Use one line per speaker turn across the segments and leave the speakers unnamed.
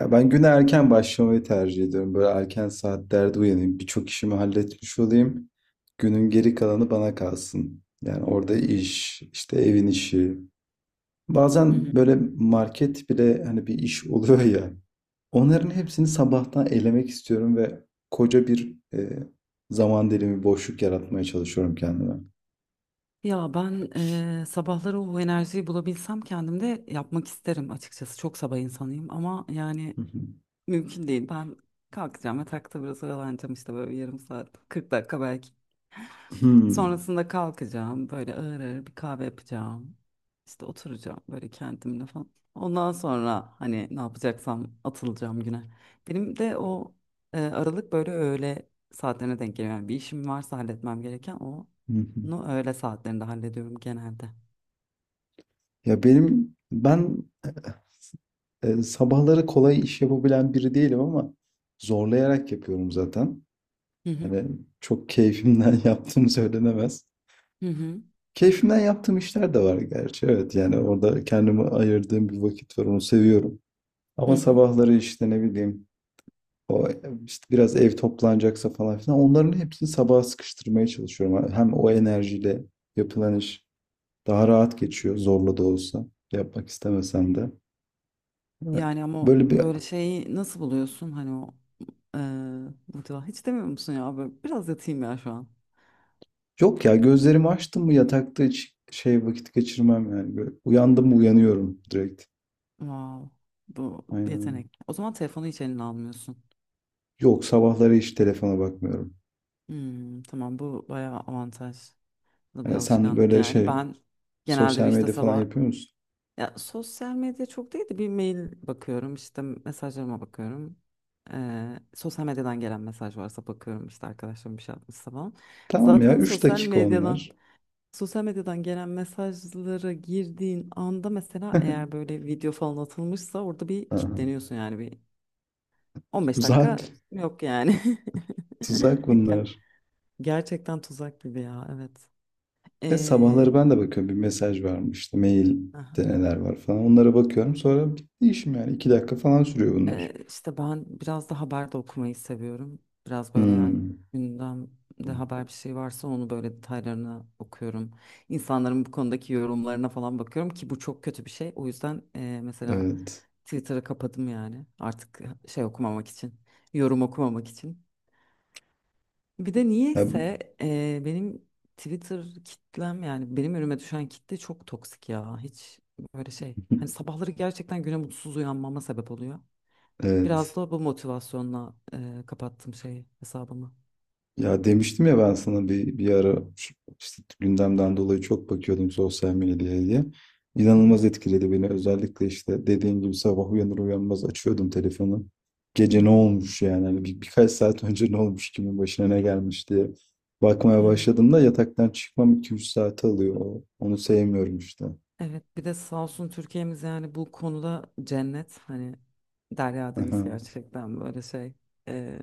Ya ben güne erken başlamayı tercih ediyorum. Böyle erken saatlerde uyanayım. Birçok işimi halletmiş olayım. Günün geri kalanı bana kalsın. Yani orada işte evin işi.
Hı hı.
Bazen böyle market bile hani bir iş oluyor ya. Onların hepsini sabahtan elemek istiyorum ve koca bir zaman dilimi boşluk yaratmaya çalışıyorum kendime.
Ya ben sabahları o enerjiyi bulabilsem kendimde yapmak isterim açıkçası. Çok sabah insanıyım ama yani
Hı hı.
mümkün değil. Ben kalkacağım, yatakta biraz oyalanacağım işte böyle yarım saat, 40 dakika belki.
Hmm.
Sonrasında kalkacağım. Böyle ağır ağır bir kahve yapacağım. İşte oturacağım böyle kendimle falan. Ondan sonra hani ne yapacaksam atılacağım güne. Benim de o aralık böyle öğle saatlerine denk geliyor. Yani bir işim varsa halletmem gereken onu
Hı hı.
öğle saatlerinde hallediyorum genelde.
Ya ben sabahları kolay iş yapabilen biri değilim ama zorlayarak yapıyorum zaten.
Hı hı
Hani çok keyfimden yaptığım söylenemez.
hı hı.
Keyfimden yaptığım işler de var gerçi. Evet yani orada kendime ayırdığım bir vakit var, onu seviyorum.
Hı
Ama
hı.
sabahları işte ne bileyim, o işte biraz ev toplanacaksa falan filan onların hepsini sabaha sıkıştırmaya çalışıyorum. Hem o enerjiyle yapılan iş daha rahat geçiyor, zorla da olsa, yapmak istemesem de.
Yani ama o
Böyle bir
böyle şeyi nasıl buluyorsun, hani o e, hiç demiyor musun ya böyle biraz yatayım ya şu an.
Yok ya, gözlerimi açtım mı yatakta hiç şey vakit geçirmem yani. Böyle uyandım mı uyanıyorum direkt.
Wow, bu
Aynen.
yetenek. O zaman telefonu hiç eline almıyorsun.
Yok, sabahları hiç telefona bakmıyorum.
Hmm, tamam, bu bayağı avantajlı bir
Yani sen
alışkanlık
böyle
yani.
şey
Ben genelde
sosyal
işte
medya falan
sabah
yapıyor musun?
ya sosyal medya çok değil de bir mail bakıyorum, işte mesajlarıma bakıyorum. Sosyal medyadan gelen mesaj varsa bakıyorum, işte arkadaşlarım bir şey atmışsa falan.
Tamam ya,
Zaten
3
sosyal
dakika
medyadan
onlar.
sosyal medyadan gelen mesajlara girdiğin anda mesela eğer böyle video falan atılmışsa orada bir
Aha,
kilitleniyorsun, yani bir 15
tuzak.
dakika yok yani.
Tuzak
Ger-
bunlar.
Gerçekten tuzak gibi ya, evet.
E,
Ee,
sabahları ben de bakıyorum, bir mesaj var mı işte mailde
aha,
neler var falan onlara bakıyorum, sonra bitti işim, yani 2 dakika falan sürüyor bunlar.
işte ben biraz da haber de okumayı seviyorum. Biraz böyle, eğer
Hmm,
gündemde haber bir şey varsa, onu böyle detaylarına okuyorum. İnsanların bu konudaki yorumlarına falan bakıyorum ki bu çok kötü bir şey. O yüzden mesela
evet.
Twitter'ı kapadım yani, artık şey okumamak için, yorum okumamak için. Bir de
Ya-
niyeyse benim Twitter kitlem, yani benim önüme düşen kitle çok toksik ya. Hiç böyle şey. Hani sabahları gerçekten güne mutsuz uyanmama sebep oluyor. Biraz
evet.
da bu motivasyonla kapattım şeyi, hesabımı.
Ya demiştim ya ben sana bir ara işte gündemden dolayı çok bakıyordum sosyal medyaya diye.
Hı hı.
İnanılmaz etkiledi beni. Özellikle işte dediğim gibi sabah uyanır uyanmaz açıyordum telefonu.
Hı
Gece ne
hı.
olmuş yani, hani birkaç saat önce ne olmuş, kimin başına ne gelmiş diye bakmaya
Evet.
başladığımda yataktan çıkmam iki üç saate alıyor. Onu sevmiyorum işte.
Evet, bir de sağ olsun Türkiye'miz yani bu konuda cennet, hani Derya
Aha.
Deniz gerçekten, böyle şey, e,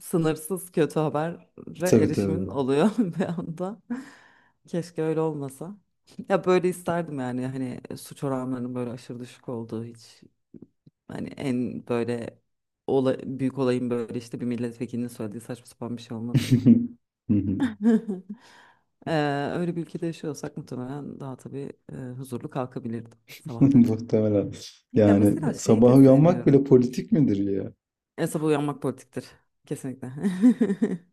sınırsız kötü habere
Tabii,
erişimin
tabii.
oluyor bir anda. Keşke öyle olmasa. Ya böyle isterdim yani, hani suç oranlarının böyle aşırı düşük olduğu, hiç hani en böyle büyük olayın böyle işte bir milletvekilinin söylediği saçma sapan bir şey olmasını.
Hı hı.
Öyle bir ülkede yaşıyorsak muhtemelen daha tabii huzurlu kalkabilirdim sabahları.
Muhtemelen.
Ya
Yani
mesela şeyi
sabah
de
uyanmak
seviyorum.
bile politik midir ya?
E, sabah uyanmak politiktir. Kesinlikle.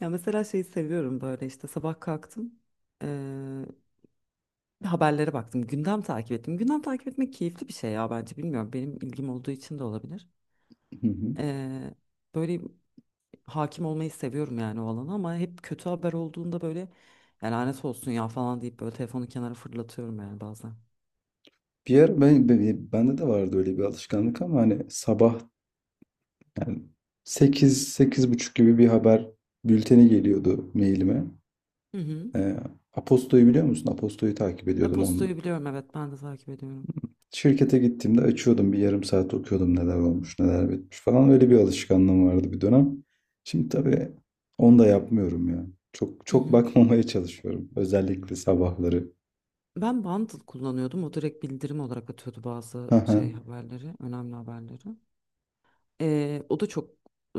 Ya mesela şeyi seviyorum, böyle işte sabah kalktım, e, haberlere baktım. Gündem takip ettim. Gündem takip etmek keyifli bir şey ya, bence, bilmiyorum. Benim ilgim olduğu için de olabilir.
Hı
E,
hı.
böyle hakim olmayı seviyorum yani o alana, ama hep kötü haber olduğunda böyle, "Ya lanet olsun ya" falan deyip böyle telefonu kenara fırlatıyorum yani bazen.
Bir ara bende de vardı öyle bir alışkanlık ama hani sabah, yani 8 sekiz buçuk gibi bir haber bülteni geliyordu mailime.
Hı hı.
Ee, Aposto'yu biliyor musun? Aposto'yu takip ediyordum onun.
E-postayı biliyorum, evet, ben de takip ediyorum.
Şirkete gittiğimde açıyordum, bir yarım saat okuyordum, neler olmuş neler bitmiş falan, öyle bir alışkanlığım vardı bir dönem. Şimdi tabii onu da yapmıyorum ya. Çok
Hı
çok
hı.
bakmamaya çalışıyorum özellikle sabahları.
Ben Bundle kullanıyordum. O direkt bildirim olarak atıyordu bazı
Hı
şey
hı.
haberleri, önemli haberleri. O da çok e,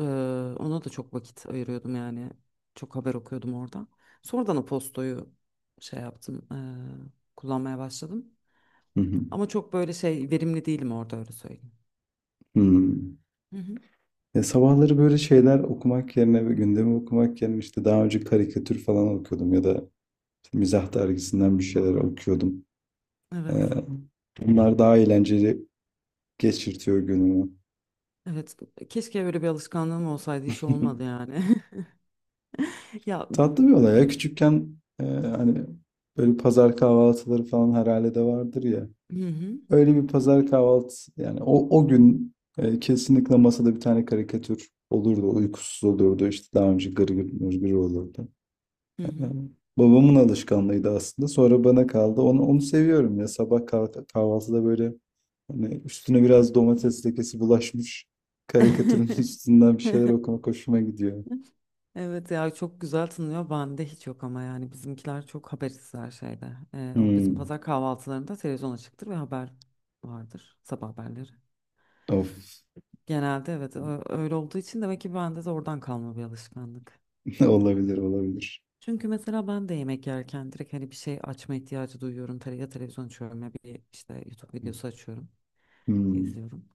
ona da çok vakit ayırıyordum yani. Çok haber okuyordum orada. Sonradan o postoyu şey yaptım, kullanmaya başladım.
Hı hı.
Ama çok böyle şey verimli değilim orada, öyle söyleyeyim.
Hı.
Hı hı.
Ya sabahları böyle şeyler okumak yerine ve gündemi okumak yerine işte daha önce karikatür falan okuyordum ya da mizah dergisinden bir şeyler okuyordum. Ee,
Evet.
bunlar daha eğlenceli geçirtiyor günümü.
Evet. Keşke öyle bir alışkanlığım olsaydı, hiç olmadı yani. Ya
Tatlı bir olay
bi-
ya. Küçükken hani böyle pazar kahvaltıları falan herhalde de vardır ya.
hı hı.
Öyle bir pazar kahvaltı, yani o gün kesinlikle masada bir tane karikatür olurdu. Uykusuz olurdu. İşte daha önce Gırgır, Mırgır olurdu.
Hı
Evet.
hı.
Babamın alışkanlığıydı aslında. Sonra bana kaldı. Onu seviyorum ya. Sabah kahvaltıda böyle, hani üstüne biraz domates lekesi bulaşmış karikatürün üstünden bir şeyler okumak hoşuma gidiyor.
Evet ya, çok güzel tınlıyor. Bende hiç yok ama, yani bizimkiler çok habersiz her şeyde. O bizim
Hmm.
pazar kahvaltılarında televizyon açıktır ve haber vardır, sabah haberleri.
Of.
Genelde evet, öyle olduğu için demek ki bende de oradan kalma bir alışkanlık.
Olabilir, olabilir.
Çünkü mesela ben de yemek yerken direkt hani bir şey açma ihtiyacı duyuyorum. Tele, ya televizyon açıyorum ya bir işte YouTube videosu açıyorum,
Hmm.
izliyorum.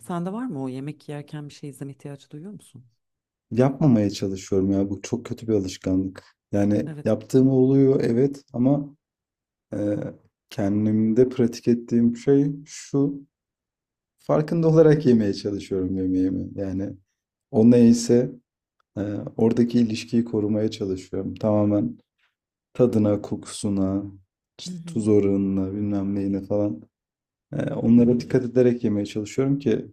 Sende var mı o, yemek yerken bir şey izleme ihtiyacı duyuyor musun?
Yapmamaya çalışıyorum ya. Bu çok kötü bir alışkanlık. Yani
Evet.
yaptığım oluyor evet, ama e, kendimde pratik ettiğim şey şu. Farkında olarak yemeye çalışıyorum yemeğimi. Yani o neyse e, oradaki ilişkiyi korumaya çalışıyorum. Tamamen tadına, kokusuna,
Hı
işte tuz
hı.
oranına, bilmem neyine falan. Onlara dikkat ederek yemeye çalışıyorum ki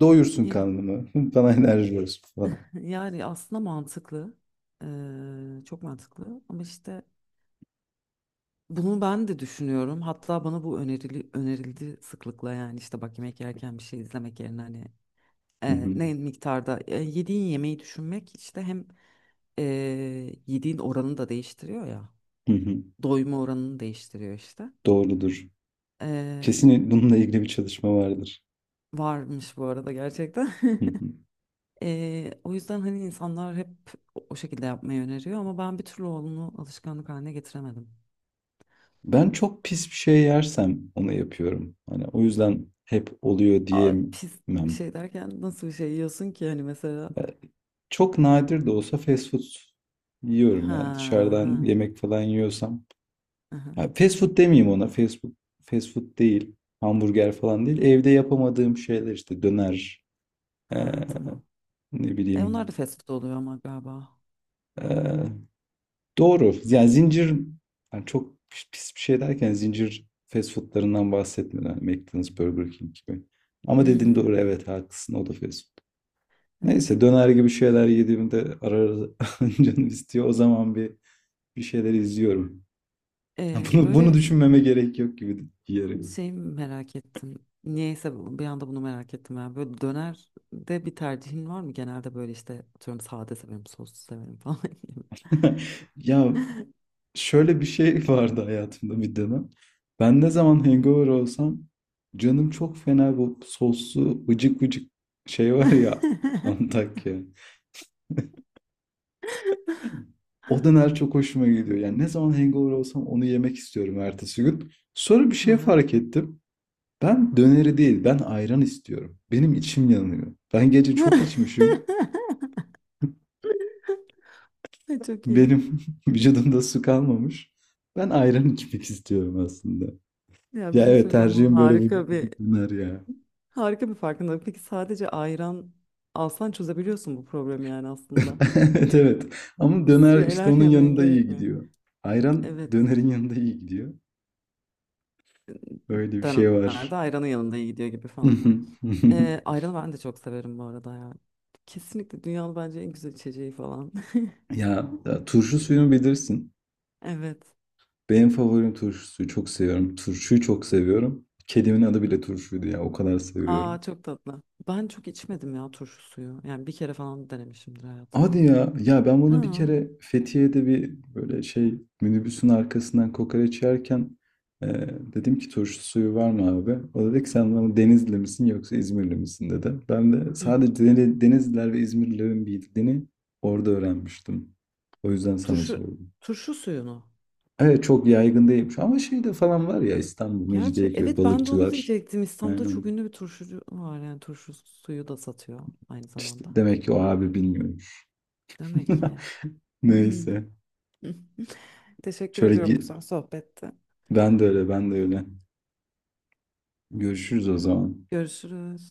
doyursun
Ya,
karnımı, bana enerji versin falan.
yani aslında mantıklı. Çok mantıklı ama işte bunu ben de düşünüyorum. Hatta bana bu önerildi sıklıkla, yani işte bak yemek yerken bir şey izlemek yerine hani
Hı hı,
ne miktarda yediğin yemeği düşünmek işte hem e, yediğin oranını da değiştiriyor ya.
hı hı.
Doyma oranını değiştiriyor işte.
Doğrudur.
E,
Kesin bununla ilgili bir çalışma vardır.
varmış bu arada gerçekten.
Hı hı.
O yüzden hani insanlar hep o şekilde yapmayı öneriyor ama ben bir türlü onu alışkanlık haline getiremedim.
Ben çok pis bir şey yersem onu yapıyorum. Hani o yüzden hep oluyor
Aa, pis bir
diyemem.
şey derken nasıl bir şey yiyorsun ki hani mesela?
Çok nadir de olsa fast food yiyorum,
Ha
yani
ha
dışarıdan yemek falan yiyorsam.
aha,
Ya fast food demeyeyim ona. Fast food, fast food değil. Hamburger falan değil. Evde yapamadığım şeyler, işte döner, eee,
ha tamam.
ne
E onlar da
bileyim.
fast food oluyor ama galiba.
eee, Doğru. Yani zincir, yani çok pis bir şey derken zincir fast foodlarından bahsetmiyorum. Yani McDonald's, Burger King gibi.
Hı
Ama dediğin
hı.
doğru, evet, haklısın, o da fast food.
Evet.
Neyse, döner gibi şeyler yediğimde ara ara canım istiyor. O zaman bir şeyler izliyorum. Ha, Bunu
Böyle
düşünmeme gerek yok gibi diyerek.
şey merak ettim. Niyeyse bir anda bunu merak ettim ya. Böyle dönerde bir tercihin var mı? Genelde böyle işte atıyorum, sade severim, soslu severim falan.
Ya, şöyle bir şey vardı hayatımda bir dönem. Ben ne zaman hangover olsam canım çok fena bu soslu vıcık vıcık şey var ya, Antakya. O döner çok hoşuma gidiyor. Yani ne zaman hangover olsam onu yemek istiyorum ertesi gün. Sonra bir
Hı
şey
hı.
fark ettim. Ben döneri değil, ben ayran istiyorum. Benim içim yanıyor. Ben gece çok içmişim.
Ay, çok iyi.
Benim vücudumda su kalmamış. Ben ayran içmek istiyorum aslında.
Ya bir
Ya
şey
evet,
söyleyeceğim.
tercihim böyle, bu
Harika
bu
bir
döner ya.
harika bir farkındalık. Peki sadece ayran alsan çözebiliyorsun bu problemi yani aslında.
Evet, evet. Ama
Bir
döner işte
şeyler
onun
yemen
yanında iyi
gerekmiyor.
gidiyor. Ayran
Evet.
dönerin yanında iyi gidiyor. Öyle bir şey
Dönemlerde
var.
ayranın yanında iyi gidiyor gibi falan. Ha. Ayranı ben de çok severim bu arada ya. Kesinlikle dünyanın bence en güzel içeceği falan.
Ya, ya turşu suyunu bilirsin.
Evet.
Benim favorim turşu suyu. Çok seviyorum. Turşuyu çok seviyorum. Kedimin adı bile Turşu'ydu ya. O kadar seviyorum.
Aa çok tatlı. Ben çok içmedim ya turşu suyu. Yani bir kere falan denemişimdir hayatımda.
Hadi ya. Ya ben
Ha.
bunu bir kere Fethiye'de, bir böyle şey, minibüsün arkasından kokoreç yerken e, dedim ki turşu suyu var mı abi? O dedi ki sen bana Denizli misin yoksa İzmirli misin dedi. Ben de
Hı
sadece
hı.
Denizliler ve İzmirlilerin bildiğini orada öğrenmiştim. O yüzden sana
Turşu
sordum.
turşu suyunu.
Evet, çok yaygın değilmiş ama şeyde falan var ya, İstanbul,
Gerçi
Mecidiyeköy,
evet, ben de onu
balıkçılar.
diyecektim. İstanbul'da
Aynen.
çok ünlü bir turşucu var, yani turşu suyu da satıyor aynı
İşte
zamanda.
demek ki o abi bilmiyormuş.
Demek ki.
Neyse.
Teşekkür
Şöyle
ediyorum
gi-
güzel sohbette.
ben de öyle, ben de öyle. Görüşürüz o zaman.
Görüşürüz.